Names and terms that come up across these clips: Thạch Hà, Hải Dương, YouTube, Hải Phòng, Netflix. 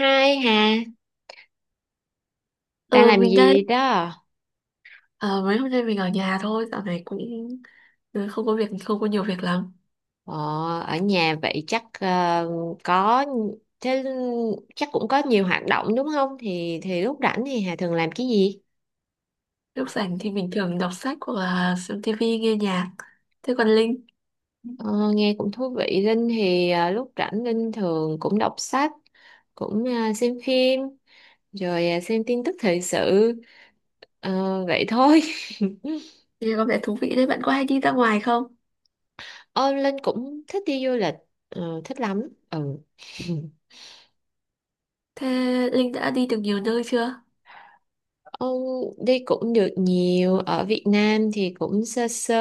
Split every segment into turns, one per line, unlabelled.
Hai Hà, đang
Ờ,
làm
mình đang
gì đó?
ờ, mấy hôm nay mình ở nhà thôi, dạo này cũng không có việc, không có nhiều việc lắm.
Ờ, ở nhà vậy chắc có thế chắc cũng có nhiều hoạt động đúng không? Thì lúc rảnh thì Hà thường làm cái gì?
Lúc rảnh thì mình thường đọc sách hoặc là xem tivi, nghe nhạc. Thế còn Linh,
Ờ, nghe cũng thú vị. Linh thì lúc rảnh Linh thường cũng đọc sách, cũng xem phim, rồi xem tin tức thời sự. Ờ, vậy thôi.
nghe có vẻ thú vị đấy, bạn có hay đi ra ngoài không?
Ờ, Linh cũng thích đi du lịch, ờ, thích lắm. Ừ.
Thế Linh đã đi được nhiều nơi chưa?
Ông đi cũng được nhiều. Ở Việt Nam thì cũng sơ sơ,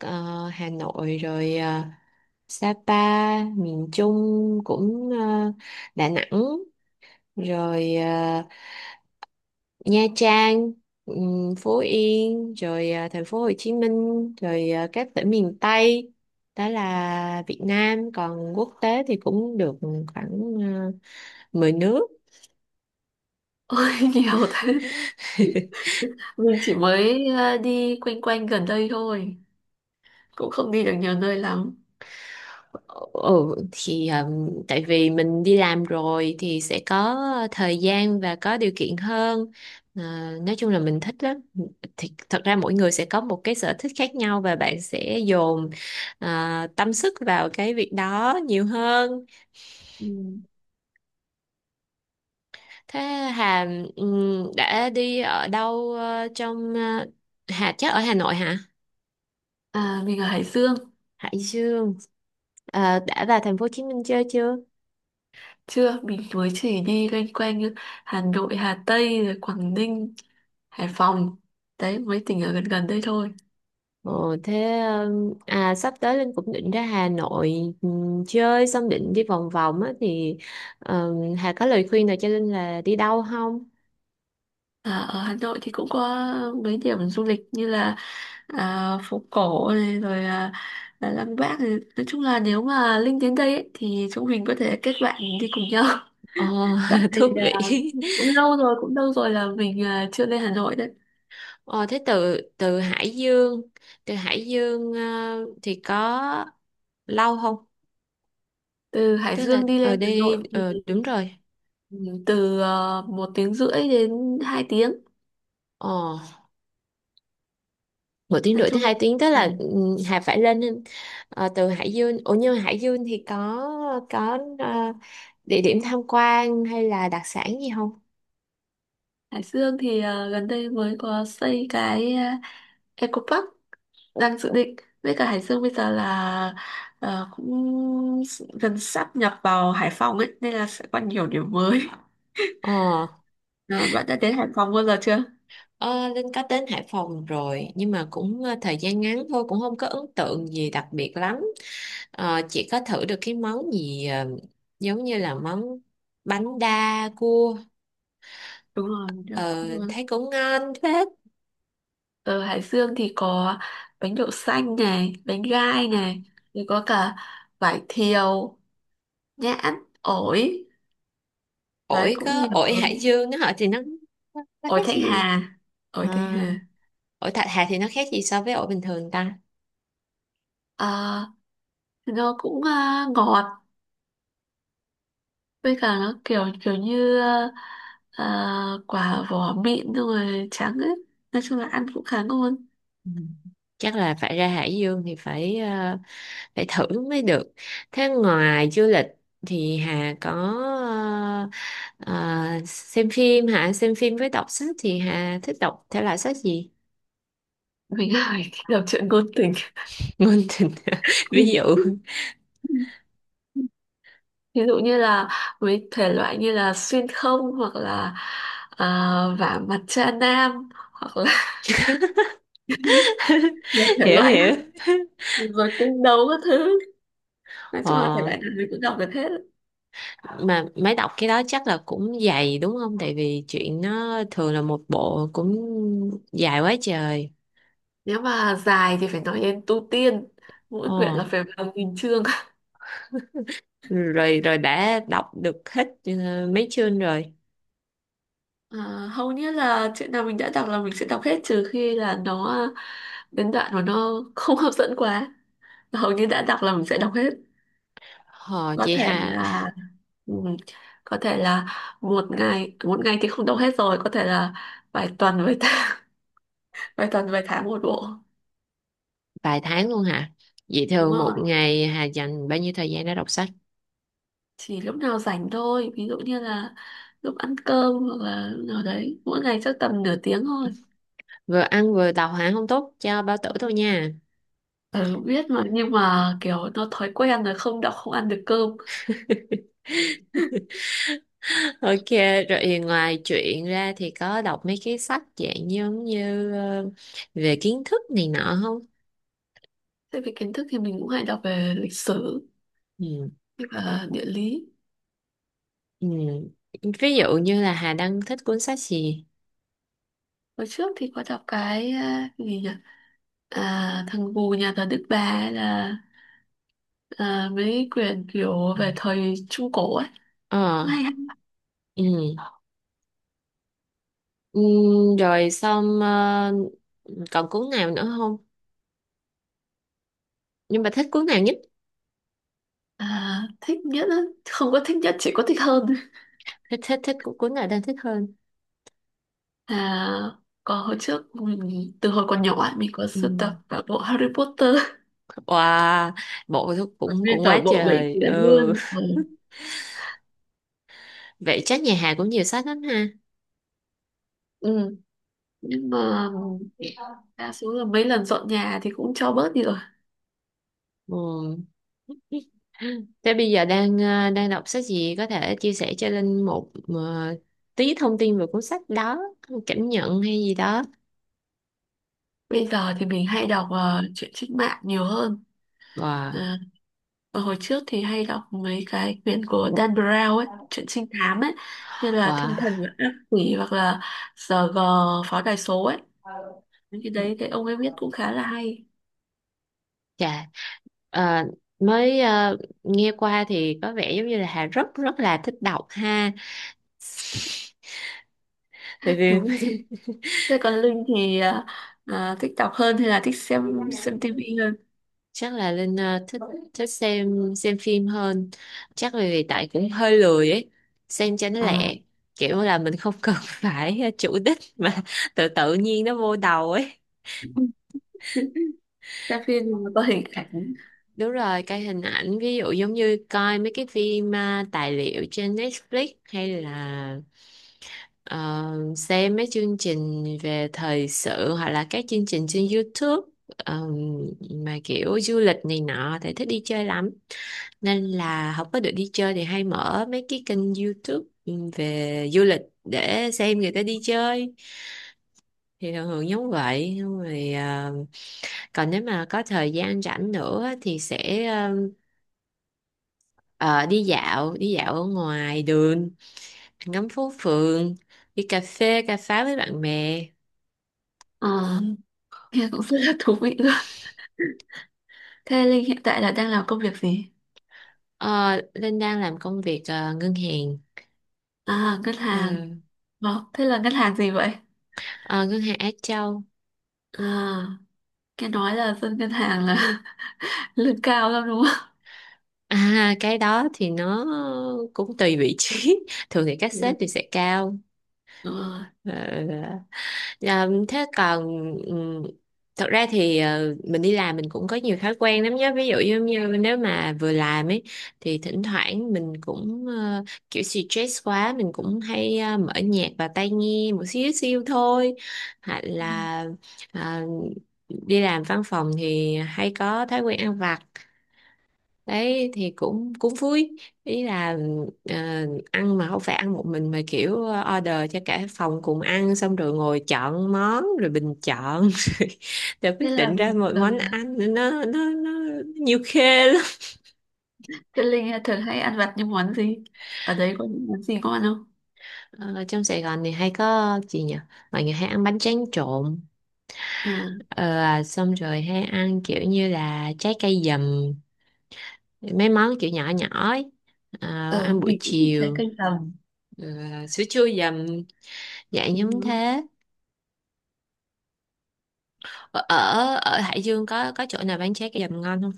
Hà Nội, rồi Sapa, miền Trung cũng Đà Nẵng, rồi Nha Trang, Phú Yên, rồi thành phố Hồ Chí Minh, rồi các tỉnh miền Tây. Đó là Việt Nam. Còn quốc tế thì cũng được khoảng 10 nước.
Ôi nhiều thế. Mình chỉ mới đi quanh quanh gần đây thôi, cũng không đi được nhiều nơi lắm.
Ừ, thì tại vì mình đi làm rồi thì sẽ có thời gian và có điều kiện hơn. Ờ, nói chung là mình thích lắm. Thì thật ra mỗi người sẽ có một cái sở thích khác nhau và bạn sẽ dồn ờ, tâm sức vào cái việc đó nhiều hơn.
Ừ.
Thế Hà đã đi ở đâu Hà chắc ở Hà Nội hả?
À, mình ở Hải Dương.
Hải Dương. Ờ, đã vào thành phố Hồ Chí Minh chơi chưa?
Chưa mình mới chỉ đi loanh quanh như Hà Nội, Hà Tây rồi Quảng Ninh, Hải Phòng, đấy mấy tỉnh ở gần gần đây thôi.
Ồ, thế sắp tới Linh cũng định ra Hà Nội chơi, xong định đi vòng vòng á thì Hà có lời khuyên nào cho Linh là đi đâu không?
À, ở Hà Nội thì cũng có mấy điểm du lịch như là phố cổ này rồi Lăng Bác này. Nói chung là nếu mà Linh đến đây ấy, thì chúng mình có thể kết bạn đi cùng nhau
Ồ,
tại vì
thú
là
vị.
cũng lâu rồi là mình chưa lên Hà Nội đấy.
Ồ, thế từ từ Hải Dương thì có lâu không?
Từ Hải
Tức là
Dương đi
ở
lên Hà
đây
Nội thì
đúng rồi.
ừ, từ 1 tiếng rưỡi đến 2 tiếng,
Ồ. một tiếng
nói
rưỡi
chung
tới
là
hai tiếng tức là
gần.
ừ, Hà phải lên từ Hải Dương. Ủa nhưng mà Hải Dương thì có địa điểm tham quan hay là đặc sản gì không?
Hải Dương thì gần đây mới có xây cái Eco Park đang dự định. Với cả Hải Dương bây giờ là cũng gần sắp nhập vào Hải Phòng ấy nên là sẽ có nhiều điểm mới
ờ
Ờ, bạn đã đến Hải Phòng bao giờ chưa?
ờ, Linh có đến Hải Phòng rồi, nhưng mà cũng thời gian ngắn thôi, cũng không có ấn tượng gì đặc biệt lắm. Ờ, chỉ có thử được cái món gì giống như là món bánh đa cua.
Đúng rồi, mình
Ờ,
cũng,
thấy cũng ngon phết.
ở Hải Dương thì có bánh đậu xanh này, bánh gai này, rồi có cả vải thiều, nhãn, ổi, đấy
Ổi,
cũng
có
nhiều
ổi Hải
thứ.
Dương đó họ thì nó
ổi
cái
Thanh
gì.
Hà
À.
ổi Thanh Hà
Ổi Thạch Hà thì nó khác gì so với ổi bình thường ta?
Ờ, nó cũng ngọt, với cả nó kiểu kiểu như quả vỏ mịn xong rồi trắng ấy, nói chung là ăn cũng khá ngon.
Ừ. Chắc là phải ra Hải Dương thì phải phải thử mới được. Thế ngoài du lịch thì Hà có ờ, xem phim hả? Xem phim với đọc sách thì Hà thích đọc thể loại sách gì?
Mình hỏi thích đọc truyện ngôn tình,
Ngôn tình. Ví dụ.
ví dụ như là với thể loại như là xuyên không hoặc là à, vả mặt cha nam hoặc là nhiều thể
Hiểu
loại lắm,
hiểu.
rồi cung đấu các thứ, nói chung là thể
ờ,
loại nào mình cũng đọc được hết.
mà mới đọc cái đó chắc là cũng dày đúng không, tại vì chuyện nó thường là một bộ cũng dài quá trời.
Nếu mà dài thì phải nói đến tu tiên, mỗi quyển
Ồ.
là phải vào nghìn chương.
Rồi rồi, đã đọc được hết mấy chương rồi?
À, hầu như là chuyện nào mình đã đọc là mình sẽ đọc hết, trừ khi là nó đến đoạn mà nó không hấp dẫn quá. Hầu như đã đọc là mình sẽ đọc hết.
Hò
Có
vậy
thể
hà.
là ừm, có thể là một ngày thì không đọc hết, rồi có thể là vài tuần vài tháng, vài tuần vài tháng một bộ.
Vài tháng luôn hả? Vậy
Đúng
thường
rồi,
một ngày Hà dành bao nhiêu thời gian để đọc sách?
chỉ lúc nào rảnh thôi, ví dụ như là lúc ăn cơm hoặc là lúc nào đấy, mỗi ngày chắc tầm nửa tiếng thôi.
Vừa ăn vừa đọc hả? Không tốt cho bao tử thôi nha.
Ừ, biết mà, nhưng mà kiểu nó thói quen rồi, không đọc không ăn được cơm.
OK. Rồi ngoài truyện ra thì có đọc mấy cái sách dạng giống như về kiến thức này nọ không?
Thế về kiến thức thì mình cũng hay đọc về lịch sử
Ừ.
với cả địa lý.
Ừ. Ví dụ như là Hà đang thích cuốn sách gì?
Hồi trước thì có đọc cái cái gì nhỉ? À, thằng Gù nhà thờ Đức Bà ấy, là à, mấy quyển kiểu về thời Trung Cổ ấy.
Ờ.
Cũng hay.
Ừ. Ừ, rồi xong, còn cuốn nào nữa không? Nhưng mà thích cuốn nào nhất?
À, thích nhất á. Không có thích nhất, chỉ có thích hơn.
Thích thích thích cu- Cuốn nào đang thích hơn?
À, còn hồi trước mình từ hồi còn nhỏ ấy, mình có
Ừ.
sưu tập cả bộ Harry Potter.
Wow, bộ thuốc
Còn
cũng
nguyên
cũng
cả
quá
bộ bảy
trời.
quyển
Ừ.
luôn. Ừ.
Vậy chắc nhà Hà cũng nhiều sách lắm ha.
Ừ. Nhưng mà đa số là mấy lần dọn nhà thì cũng cho bớt đi rồi.
Ừ. Thế bây giờ đang đọc sách gì, có thể chia sẻ cho Linh một tí thông tin về cuốn sách đó, cảm nhận hay gì đó.
Bây giờ thì mình hay đọc truyện trích mạng nhiều hơn.
Wow.
Ờ, và hồi trước thì hay đọc mấy cái quyển của Dan Brown ấy, truyện trinh thám ấy, như là Thiên
Wow.
thần và ác quỷ hoặc là SG pháo đài số ấy. Những cái đấy cái ông ấy viết cũng khá là hay.
Chà, ờ, mới ờ, nghe qua thì có vẻ giống như là Hà rất rất là thích đọc ha. Tại vì
Đúng rồi. Thế còn Linh thì thích đọc hơn hay là thích xem tivi hơn?
chắc là Linh thích, thích xem phim hơn. Chắc là vì tại cũng hơi lười ấy, xem cho nó
Ờ,
lẹ. Kiểu là mình không cần phải chủ đích, mà tự tự nhiên nó vô đầu ấy.
xem phim mà có hình ảnh.
Đúng rồi, coi hình ảnh. Ví dụ giống như coi mấy cái phim tài liệu trên Netflix hay là ờ, xem mấy chương trình về thời sự hoặc là các chương trình trên YouTube ờ, mà kiểu du lịch này nọ thì thích đi chơi lắm. Nên là không có được đi chơi thì hay mở mấy cái kênh YouTube về du lịch để xem người ta đi chơi, thì thường thường giống vậy. Nhưng rồi còn nếu mà có thời gian rảnh nữa thì sẽ đi dạo ở ngoài đường, ngắm phố phường, đi cà phê cà pháo với bạn bè.
Ờ, nghe cũng rất là thú vị luôn. Thế Linh hiện tại là đang làm công việc gì?
Ờ, Linh đang làm công việc ngân hàng.
À, ngân
Ờ,
hàng. Ờ, thế là ngân hàng gì vậy?
ờ, ngân hàng Á Châu.
À, nghe nói là dân ngân hàng là lương cao lắm đúng không?
à, cái đó thì nó cũng tùy vị trí. Thường thì các
Ừ.
sếp thì sẽ cao.
Đúng rồi.
Ờ, dạ, thế còn ừm, thật ra thì mình đi làm mình cũng có nhiều thói quen lắm nhé. Ví dụ giống như nếu mà vừa làm ấy thì thỉnh thoảng mình cũng kiểu stress quá mình cũng hay mở nhạc vào tai nghe một xíu xíu thôi, hoặc
Ừ.
là ờ, đi làm văn phòng thì hay có thói quen ăn vặt. Đấy thì cũng cũng vui. Ý là ờ, ăn mà không phải ăn một mình, mà kiểu order cho cả phòng cùng ăn, xong rồi ngồi chọn món rồi bình chọn, rồi
Thế
quyết định ra một món
là
ăn. Nó nhiều khê lắm.
thế Linh thường hay ăn vặt những món gì? Ở đấy có những món gì ngon không?
Ờ, trong Sài Gòn thì hay có gì nhỉ, mọi người hay ăn bánh tráng trộn.
À,
Ờ, xong rồi hay ăn kiểu như là trái cây dầm, mấy món kiểu nhỏ nhỏ ấy. Ờ,
ờ,
ăn buổi
mình cũng thích trái
chiều.
cây tầm.
Ờ, sữa chua dầm dạng
Ừ.
giống thế. Ở ở ở Hải Dương có chỗ nào bán trái cây dầm ngon không?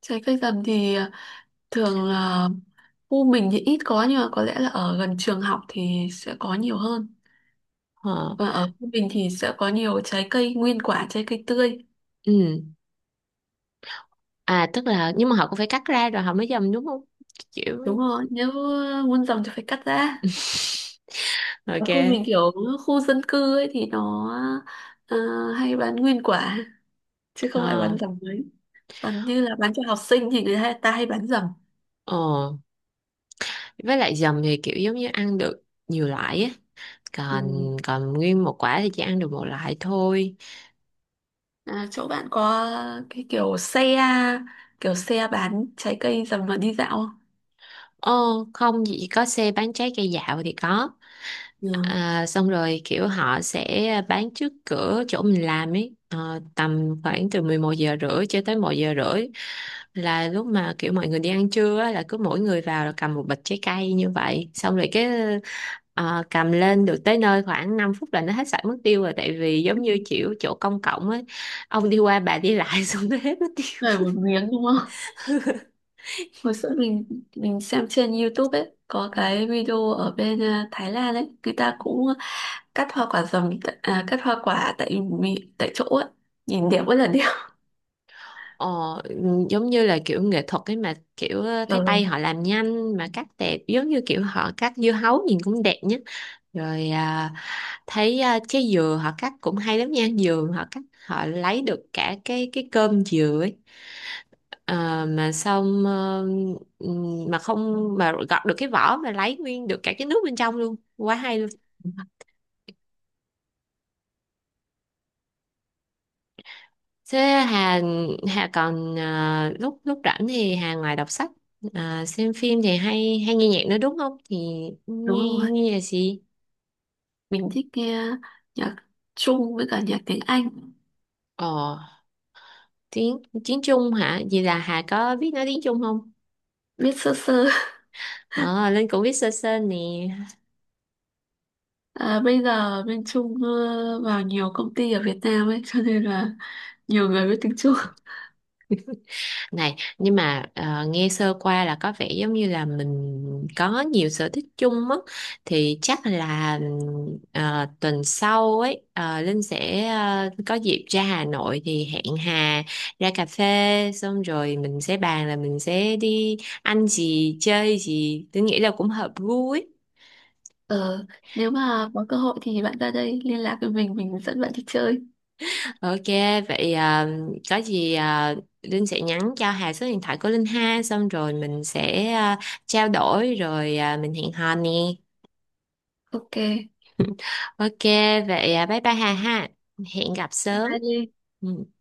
Trái cây tầm thì thường là khu mình thì ít có, nhưng mà có lẽ là ở gần trường học thì sẽ có nhiều hơn.
ờ
Và ở khu mình thì sẽ có nhiều trái cây nguyên quả, trái cây tươi.
ừ, tức là nhưng mà họ cũng phải cắt ra rồi họ mới dầm đúng không kiểu.
Đúng rồi, nếu muốn dòng thì phải cắt ra. Ở khu
OK.
mình kiểu khu dân cư ấy thì nó ờ, hay bán nguyên quả, chứ không ai
ờ
bán dầm mấy, còn như là bán cho học sinh thì ta hay bán dầm.
ờ với lại dầm thì kiểu giống như ăn được nhiều loại á,
Ừ.
còn còn nguyên một quả thì chỉ ăn được một loại thôi.
À, chỗ bạn có cái kiểu xe bán trái cây dầm mà đi dạo không?
ờ Không, chỉ có xe bán trái cây dạo thì có.
Ừ.
À, xong rồi kiểu họ sẽ bán trước cửa chỗ mình làm ấy. Ờ, tầm khoảng từ 11 giờ rưỡi cho tới 1:30, là lúc mà kiểu mọi người đi ăn trưa á, là cứ mỗi người vào là cầm một bịch trái cây như vậy. Xong rồi cái cầm lên được tới nơi khoảng 5 phút là nó hết sạch mất tiêu rồi, tại vì giống như kiểu chỗ công cộng ấy, ông đi qua bà đi lại xong nó hết mất
Này
tiêu.
một miếng đúng không? Hồi xưa mình xem trên YouTube ấy, có cái video ở bên Thái Lan ấy, người ta cũng cắt hoa quả tại tại chỗ ấy, nhìn đẹp, rất là đẹp.
Ờ, giống như là kiểu nghệ thuật ấy, mà kiểu thấy tay
Ừ,
họ làm nhanh mà cắt đẹp, giống như kiểu họ cắt dưa hấu nhìn cũng đẹp nhé. Rồi thấy trái dừa họ cắt cũng hay lắm nha. Dừa họ cắt họ lấy được cả cái cơm dừa ấy. Ờ, mà xong mà không, mà gọt được cái vỏ mà lấy nguyên được cả cái nước bên trong luôn, quá hay. Thế Hà, lúc lúc rảnh thì Hà ngoài đọc sách xem phim thì hay hay nghe nhạc nữa đúng không? Thì
đúng
nghe
rồi.
nghe là gì?
Mình thích nghe nhạc Trung với cả nhạc tiếng Anh.
Ờ, tiếng tiếng Trung hả? Vậy là Hà có biết nói tiếng Trung không?
Biết sơ sơ.
Ờ, Linh cũng biết sơ sơ nè.
À, bây giờ bên Trung vào nhiều công ty ở Việt Nam ấy cho nên là nhiều người biết tiếng Trung.
Này, nhưng mà nghe sơ qua là có vẻ giống như là mình có nhiều sở thích chung á, thì chắc là tuần sau ấy Linh sẽ có dịp ra Hà Nội thì hẹn Hà ra cà phê, xong rồi mình sẽ bàn là mình sẽ đi ăn gì chơi gì, tôi nghĩ là cũng hợp gu ấy.
ờ, Nếu mà có cơ hội thì bạn ra đây liên lạc với mình dẫn bạn đi chơi.
OK, vậy có gì Linh sẽ nhắn cho Hà số điện thoại của Linh ha, xong rồi mình sẽ trao đổi rồi mình hẹn hò nè.
Ok, bye
OK, vậy bye bye Hà ha. Hẹn gặp sớm.
bye Ly.
Ừ.